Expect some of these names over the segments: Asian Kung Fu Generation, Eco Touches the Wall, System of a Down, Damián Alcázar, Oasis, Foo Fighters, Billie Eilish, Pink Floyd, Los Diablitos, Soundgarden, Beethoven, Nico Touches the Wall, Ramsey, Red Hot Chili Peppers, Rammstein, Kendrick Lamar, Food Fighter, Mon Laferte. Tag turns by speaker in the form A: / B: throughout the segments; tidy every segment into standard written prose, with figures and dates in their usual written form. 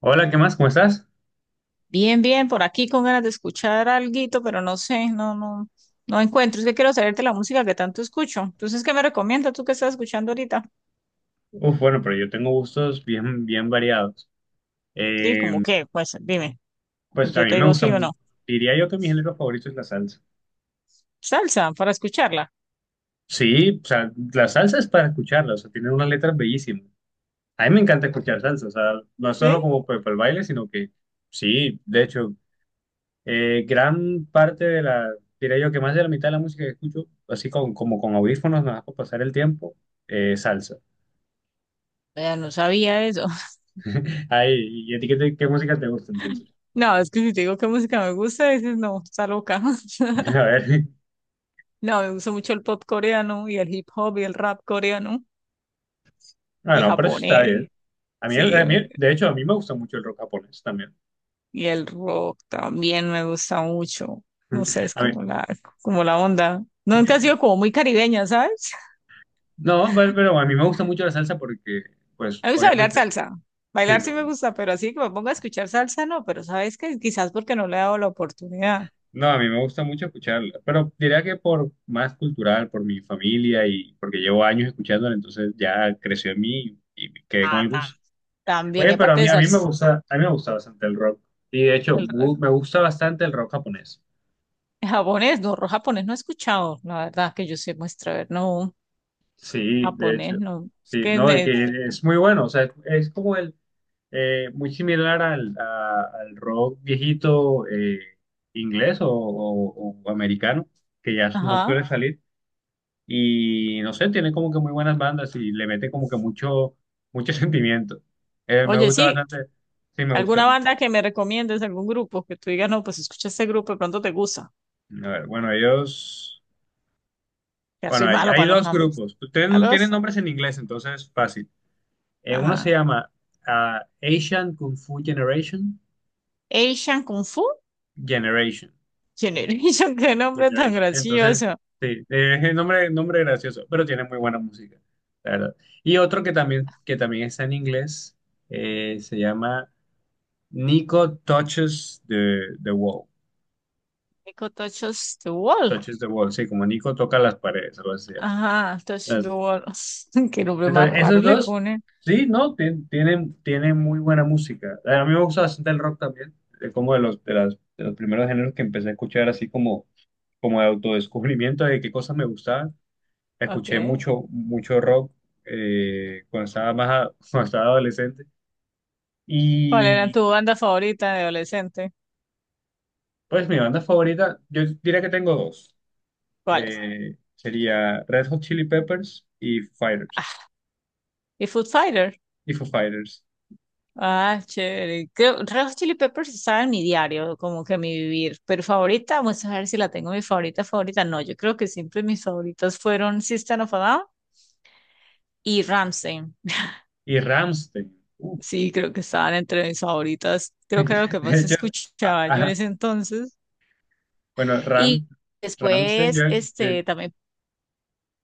A: Hola, ¿qué más? ¿Cómo estás?
B: Bien, bien, por aquí con ganas de escuchar alguito, pero no sé, no, no, no encuentro. Es que quiero saberte la música que tanto escucho. Entonces, ¿qué me recomiendas tú que estás escuchando ahorita?
A: Uf, bueno, pero yo tengo gustos bien, bien variados.
B: Sí, como
A: Eh,
B: qué, pues dime,
A: pues a
B: yo
A: mí
B: te
A: me
B: digo
A: gusta,
B: sí o no.
A: diría yo que mi género favorito es la salsa.
B: Salsa para escucharla.
A: Sí, o sea, la salsa es para escucharla, o sea, tiene unas letras bellísimas. A mí me encanta escuchar salsa, o sea, no
B: ¿Sí?
A: solo como pues, para el baile, sino que sí, de hecho, gran parte de la, diría yo que más de la mitad de la música que escucho, así con, como con audífonos, nada más para pasar el tiempo, salsa.
B: Vea, no sabía eso.
A: Ay, ¿y a ti qué música te gusta entonces?
B: No, es que si te digo qué música me gusta, dices no, está loca.
A: A ver,
B: No, me gusta mucho el pop coreano y el hip hop y el rap coreano y
A: bueno, pero eso está
B: japonés.
A: bien. A mí, el-
B: Sí,
A: a mí- de hecho, a mí me gusta mucho el rock japonés también.
B: y el rock también me gusta mucho. No sé, es
A: A mí
B: como la onda. Nunca he sido como muy caribeña, ¿sabes?
A: no, pero a mí me gusta mucho la salsa porque, pues,
B: A mí me gusta bailar
A: obviamente,
B: salsa.
A: sí,
B: Bailar
A: me
B: sí me
A: gusta.
B: gusta, pero así que me ponga a escuchar salsa, no. Pero sabes que quizás porque no le he dado la oportunidad.
A: No, a mí me gusta mucho escucharla, pero diría que por más cultural, por mi familia y porque llevo años escuchándola, entonces ya creció en mí y me quedé con
B: Ah,
A: el gusto.
B: también. Y
A: Oye, pero
B: aparte de salsa,
A: a mí me gusta bastante el rock. Y de hecho,
B: el re-
A: me gusta bastante el rock japonés.
B: japonés, no, japonés no he escuchado. La verdad que yo sé muestra, a ver, no,
A: Sí, de hecho,
B: japonés no. Es
A: sí,
B: que
A: no, y
B: me.
A: que es muy bueno, o sea, es como el muy similar al rock viejito, inglés o americano, que ya no
B: Ajá.
A: suele salir. Y no sé, tiene como que muy buenas bandas y le mete como que mucho, mucho sentimiento. Me
B: Oye,
A: gusta
B: sí,
A: bastante. Sí, me gusta.
B: alguna banda que me recomiendes, algún grupo que tú digas, no, pues escucha este grupo, de pronto te gusta.
A: A ver, bueno, ellos.
B: Ya
A: Bueno,
B: soy
A: hay,
B: malo
A: hay
B: para los
A: dos
B: nombres.
A: grupos.
B: A
A: Tienen
B: dos.
A: nombres en inglés, entonces fácil. Uno se
B: Ajá.
A: llama Asian Kung Fu Generation.
B: Asian Kung Fu
A: Generation.
B: Generation. Qué nombre tan
A: Generation. Entonces,
B: gracioso.
A: sí, es el nombre gracioso, pero tiene muy buena música, la verdad. Y otro que también, está en inglés, se llama Nico Touches the Wall.
B: Eco Touches the Wall.
A: Touches the Wall, sí, como Nico toca las paredes, algo así.
B: Ajá. Touch the
A: Entonces,
B: Wall. Qué nombre más
A: entonces,
B: raro
A: esos
B: le
A: dos,
B: ponen.
A: sí, ¿no? Tienen muy buena música. A mí me gusta bastante el rock también, como de los primeros géneros que empecé a escuchar, así como de autodescubrimiento de qué cosas me gustaban. Escuché
B: Ok.
A: mucho, mucho rock, cuando estaba más, a- cuando estaba adolescente.
B: ¿Cuál era
A: Y
B: tu banda favorita de adolescente?
A: pues mi banda favorita, yo diría que tengo dos.
B: ¿Cuál es?
A: Sería Red Hot Chili Peppers y Foo Fighters.
B: Ah, y Food Fighter.
A: Y Foo Fighters.
B: Ah, chévere. Creo, Red Hot Chili Peppers estaba en mi diario, como que mi vivir. Pero favorita, vamos a ver si la tengo mi favorita, favorita. No, yo creo que siempre mis favoritas fueron System of a Down y Ramsey.
A: Y Rammstein. Uh,
B: Sí, creo que estaban entre mis favoritas. Creo que era lo que
A: De
B: más
A: hecho, a-
B: escuchaba yo en
A: a-
B: ese entonces.
A: bueno,
B: Y
A: Ram, Rammstein, yo,
B: después,
A: yo
B: este, también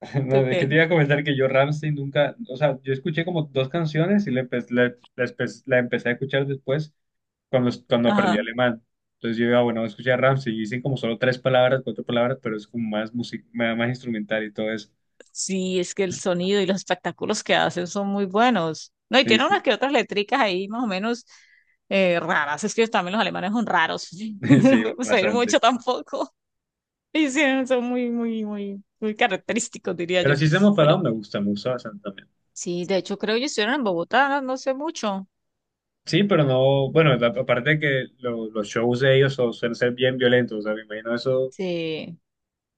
A: No,
B: creo
A: es que te
B: que,
A: iba a comentar que yo Rammstein nunca, o sea, yo escuché como dos canciones y le empe- le la espe- la empecé a escuchar después cuando aprendí
B: ajá,
A: alemán. Entonces bueno, escuché a Rammstein y dicen como solo tres palabras, cuatro palabras, pero es como más música, más instrumental y todo eso.
B: sí, es que el sonido y los espectáculos que hacen son muy buenos. No, y
A: Sí,
B: tiene unas
A: sí,
B: que otras letricas ahí más o menos, raras. Es que también los alemanes son raros. No
A: sí,
B: podemos pedir
A: bastante.
B: mucho tampoco. Y sí, son muy, muy, muy, muy característicos, diría
A: Pero
B: yo.
A: sí, System of a
B: Pero
A: Down me gusta bastante también.
B: sí, de hecho, creo que ellos estuvieron en Bogotá, no, no sé mucho.
A: Sí, pero no, bueno, aparte de que los shows de ellos suelen ser bien violentos, o sea, me imagino eso.
B: Sí.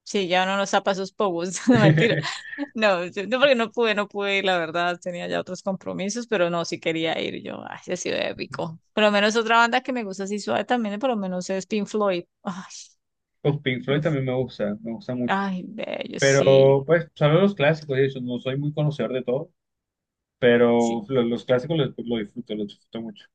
B: Sí, ya uno no zapa sus pogos, no mentira. No, no, porque no pude, no pude ir, la verdad, tenía ya otros compromisos, pero no, sí quería ir yo. Ay, sí ha sido épico. Por lo menos otra banda que me gusta así suave también, por lo menos es Pink Floyd. Ay,
A: Pues Pink Floyd
B: Dios.
A: también me gusta mucho.
B: Ay, bello, sí,
A: Pero, pues, solo los clásicos, y eso, no soy muy conocedor de todo,
B: sí,
A: pero los clásicos los disfruto, los disfruto mucho.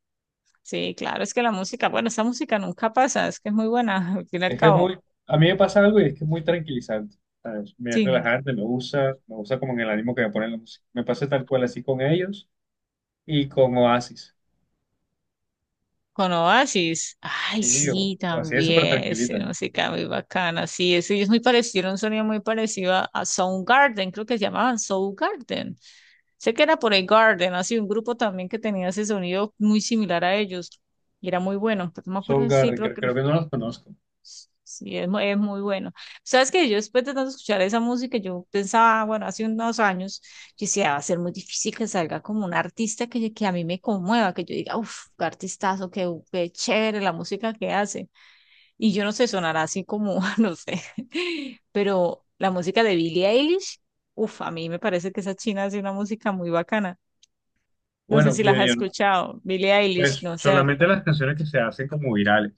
B: sí, claro, es que la música, bueno, esa música nunca pasa, es que es muy buena, al fin y al
A: Es que es
B: cabo.
A: muy, A mí me pasa algo y es que es muy tranquilizante, ¿sabes? Me es
B: Sí,
A: relajante, me gusta como en el ánimo que me ponen la música. Me pasa tal cual así con ellos y con Oasis,
B: con Oasis. Ay,
A: sí, o,
B: sí,
A: o así es súper
B: también. Ese
A: tranquilita.
B: música muy bacana. Sí, ese es muy parecido, un sonido muy parecido a Soundgarden, creo que se llamaban Soundgarden. Sé que era por el Garden, así un grupo también que tenía ese sonido muy similar a ellos. Y era muy bueno, pero no me acuerdo, sí,
A: Soundgarden,
B: creo
A: creo,
B: que
A: creo que no los conozco.
B: sí, es muy bueno. Sabes que yo después de tanto escuchar esa música, yo pensaba, bueno, hace unos años, yo decía, va a ser muy difícil que salga como un artista que a mí me conmueva, que yo diga, uff, qué artistazo, qué chévere la música que hace. Y yo no sé, sonará así como, no sé, pero la música de Billie Eilish, uff, a mí me parece que esa china hace una música muy bacana. No sé
A: Bueno,
B: si
A: bien,
B: las has
A: bien,
B: escuchado, Billie Eilish,
A: pues
B: no sé,
A: solamente las canciones que se hacen como virales.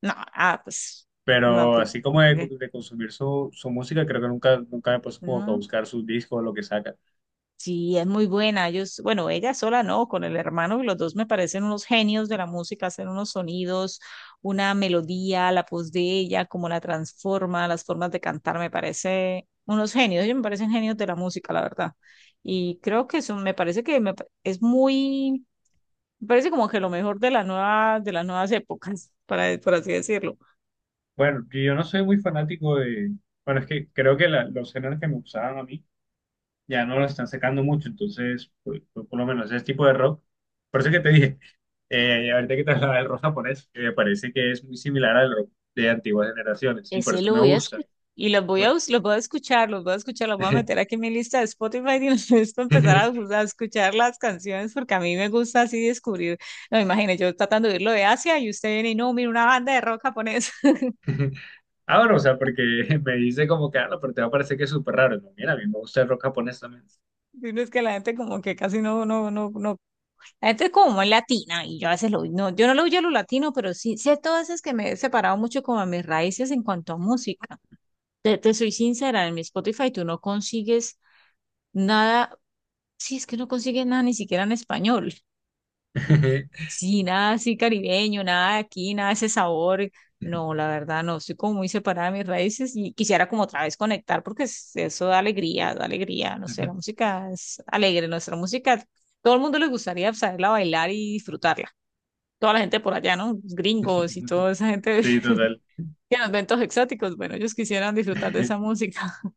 B: no, ah, pues, no,
A: Pero
B: pues,
A: así como de,
B: eh,
A: de consumir su música, creo que nunca, nunca me puse como que a
B: no.
A: buscar sus discos o lo que saca.
B: Sí, es muy buena. Ellos, bueno, ella sola no, con el hermano, los dos me parecen unos genios de la música, hacen unos sonidos, una melodía, la voz de ella, cómo la transforma, las formas de cantar, me parece unos genios. Ellos me parecen genios de la música, la verdad. Y creo que eso me parece que es muy, me parece como que lo mejor de la nueva, de las nuevas épocas, para, por así decirlo.
A: Bueno, yo no soy muy fanático de... Bueno, es que creo que los géneros que me gustaban a mí ya no lo están sacando mucho, entonces, pues, por lo menos ese tipo de rock. Por eso que te dije, ahorita que te hablaba del rock japonés, que me parece que es muy similar al rock de antiguas generaciones, y por
B: Ese
A: eso
B: lo
A: me
B: voy a
A: gusta.
B: escuchar y
A: Por-
B: los voy a escuchar, los voy a meter aquí en mi lista de Spotify y los voy a empezar a escuchar las canciones porque a mí me gusta así descubrir. No, imagínate, yo tratando de irlo de Asia y usted viene y no, mira una banda de rock japonés.
A: Ah, bueno, o sea, porque me dice como que, no, pero te va a parecer que es súper raro. No, mira, a mí me gusta el rock japonés también.
B: Y no es que la gente como que casi no, no, no, no. La gente es como muy latina y yo a veces no, yo no lo huyo a lo latino, pero sí, sí, todas veces que me he separado mucho como a mis raíces en cuanto a música. Te soy sincera, en mi Spotify tú no consigues nada. Sí, es que no consigue nada ni siquiera en español. Sí, nada así caribeño, nada de aquí, nada de ese sabor. No, la verdad, no, estoy como muy separada de mis raíces y quisiera como otra vez conectar porque eso da alegría, no sé, la música es alegre, nuestra música, todo el mundo le gustaría saberla bailar y disfrutarla. Toda la gente por allá, ¿no? Los gringos y toda esa gente
A: Sí, total.
B: que nos ven todos exóticos, bueno, ellos quisieran disfrutar de esa música.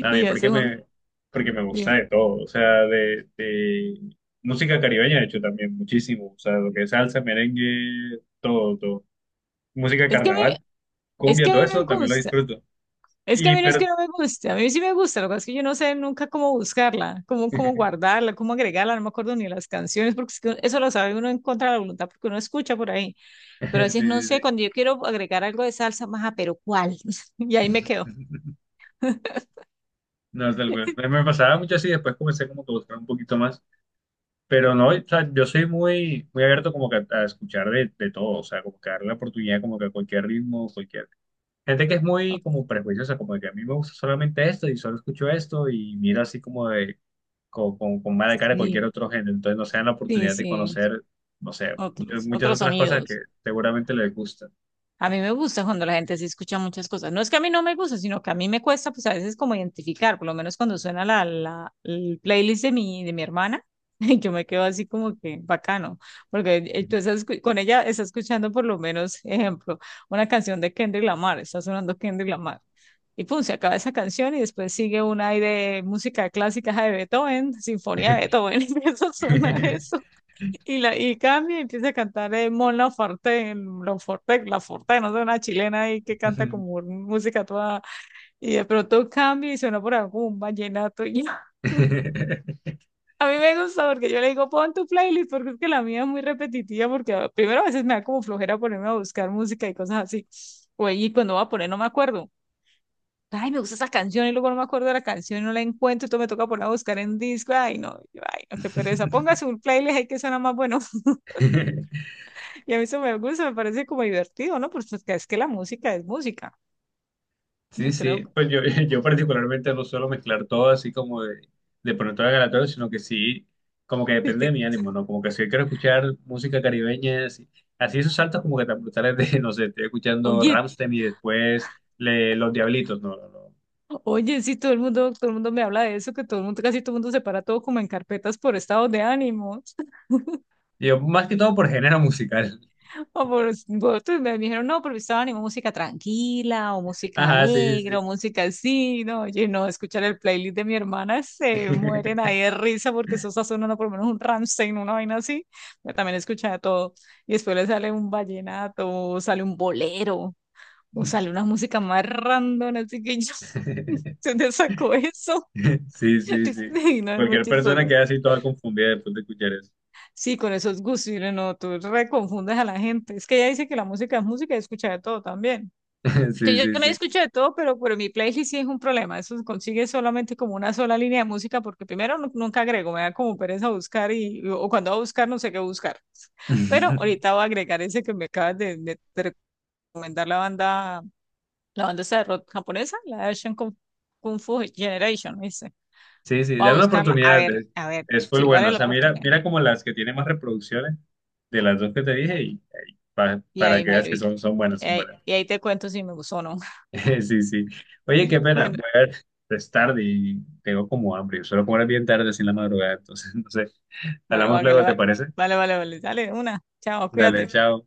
A: A mí,
B: eso es un.
A: porque me gusta de todo, o sea, de música caribeña, de hecho, también muchísimo, o sea, lo que es salsa, merengue, todo, todo. Música de
B: Es que a
A: carnaval,
B: es
A: cumbia,
B: que a mí
A: todo
B: me
A: eso, también lo
B: gusta.
A: disfruto.
B: Es que a mí no es
A: Pero,
B: que no me guste, a mí sí me gusta, lo que pasa es que yo no sé nunca cómo buscarla, cómo, cómo guardarla, cómo agregarla, no me acuerdo ni las canciones, porque es que eso lo sabe uno en contra de la voluntad, porque uno escucha por ahí, pero a
A: sí,
B: veces no
A: sí, sí.
B: sé, cuando yo quiero agregar algo de salsa, maja, pero ¿cuál? Y ahí me quedo.
A: No, me pasaba mucho así, después comencé como que a buscar un poquito más, pero no, o sea, yo soy muy, muy abierto como que a escuchar de todo, o sea, como que darle la oportunidad como que a cualquier ritmo, cualquier. Gente que es muy como prejuiciosa, como de que a mí me gusta solamente esto y solo escucho esto y mira así como de con mala cara cualquier
B: Sí,
A: otro género. Entonces no se dan la
B: sí,
A: oportunidad de
B: sí,
A: conocer, no sé, muchas,
B: otros,
A: muchas
B: otros
A: otras cosas que
B: sonidos.
A: seguramente les gustan.
B: A mí me gusta cuando la gente así escucha muchas cosas. No es que a mí no me gusta, sino que a mí me cuesta, pues a veces como identificar, por lo menos cuando suena el playlist de mi hermana, yo me quedo así como que bacano, porque con ella está escuchando por lo menos, ejemplo, una canción de Kendrick Lamar, está sonando Kendrick Lamar. Y pum, se acaba esa canción y después sigue una ahí de música clásica de Beethoven, Sinfonía de Beethoven, y empieza a sonar eso. Y cambia y empieza a cantar Mon Laferte, Laferte, Laferte, no sé, una chilena ahí que canta como música toda, y de pronto cambia y suena por algún un vallenato. Y a mí me gusta porque yo le digo, pon tu playlist, porque es que la mía es muy repetitiva, porque primero a veces me da como flojera ponerme a buscar música y cosas así. O, y cuando voy a poner no me acuerdo. Ay, me gusta esa canción y luego no me acuerdo de la canción y no la encuentro, entonces me toca ponerla a buscar en disco. Ay, no, yo, ay, no, qué pereza. Ponga su playlist ahí que suena más bueno. Y a mí eso me gusta, me parece como divertido, ¿no? Pues es que la música es música,
A: Sí,
B: no creo.
A: sí, pues yo, yo particularmente no suelo mezclar todo así como de pronto a la aleatorio, sino que sí, como que depende de
B: Que
A: mi ánimo, ¿no? Como que si hoy quiero escuchar música caribeña, así esos saltos como que tan brutales de, no sé, estoy escuchando
B: oye,
A: Rammstein y después Los Diablitos, no, no, no.
B: oye, sí, todo el mundo me habla de eso, que todo el mundo, casi todo el mundo separa todo como en carpetas por estados de ánimo.
A: Yo más que todo por género musical.
B: O por otros me dijeron, no, por mi estado de ánimo, música tranquila, o música
A: Ajá, sí,
B: alegre,
A: sí,
B: o música así, no, oye, no, escuchar el playlist de mi hermana
A: sí.
B: se mueren ahí de risa porque eso está sonando por lo menos un Rammstein, una vaina así. Yo también escuchaba todo. Y después le sale un vallenato, sale un bolero. O sale una música más random, así que yo, ¿se te sacó eso?
A: Sí, sí, sí.
B: Sí, no, es muy
A: Cualquier persona
B: chistoso.
A: queda así toda confundida después de escuchar eso.
B: Sí, con esos gustos, y no, tú reconfundes a la gente. Es que ella dice que la música es música y escucha de todo también. Que
A: Sí,
B: yo
A: sí,
B: también
A: sí.
B: escucho de todo, pero mi playlist sí es un problema. Eso se consigue solamente como una sola línea de música, porque primero nunca agrego, me da como pereza buscar y, o cuando voy a buscar no sé qué buscar. Pero ahorita voy a agregar ese que me acabas de, de recomendar la banda. La banda esa de rock japonesa, la de Asian Kung Fu Generation, me dice.
A: Sí, sí,
B: Voy a
A: dale una
B: buscarla,
A: oportunidad. Es,
B: a ver,
A: es full
B: si
A: bueno.
B: vale
A: O
B: la
A: sea, mira,
B: oportunidad.
A: mira
B: Y,
A: como las que tienen más reproducciones de las dos que te dije y, y pa- para
B: ahí
A: que veas
B: miro,
A: que son buenas, son buenas.
B: y ahí te cuento si me gustó o no.
A: Sí, sí. Oye,
B: Sí,
A: qué pena.
B: bueno,
A: Voy a ver, es tarde y tengo como hambre. Yo suelo comer bien tarde, así en la madrugada. Entonces, no sé.
B: bueno,
A: Hablamos
B: vale,
A: luego, ¿te
B: vale,
A: parece?
B: vale, vale, vale, dale, una. Chao,
A: Dale,
B: cuídate.
A: chao.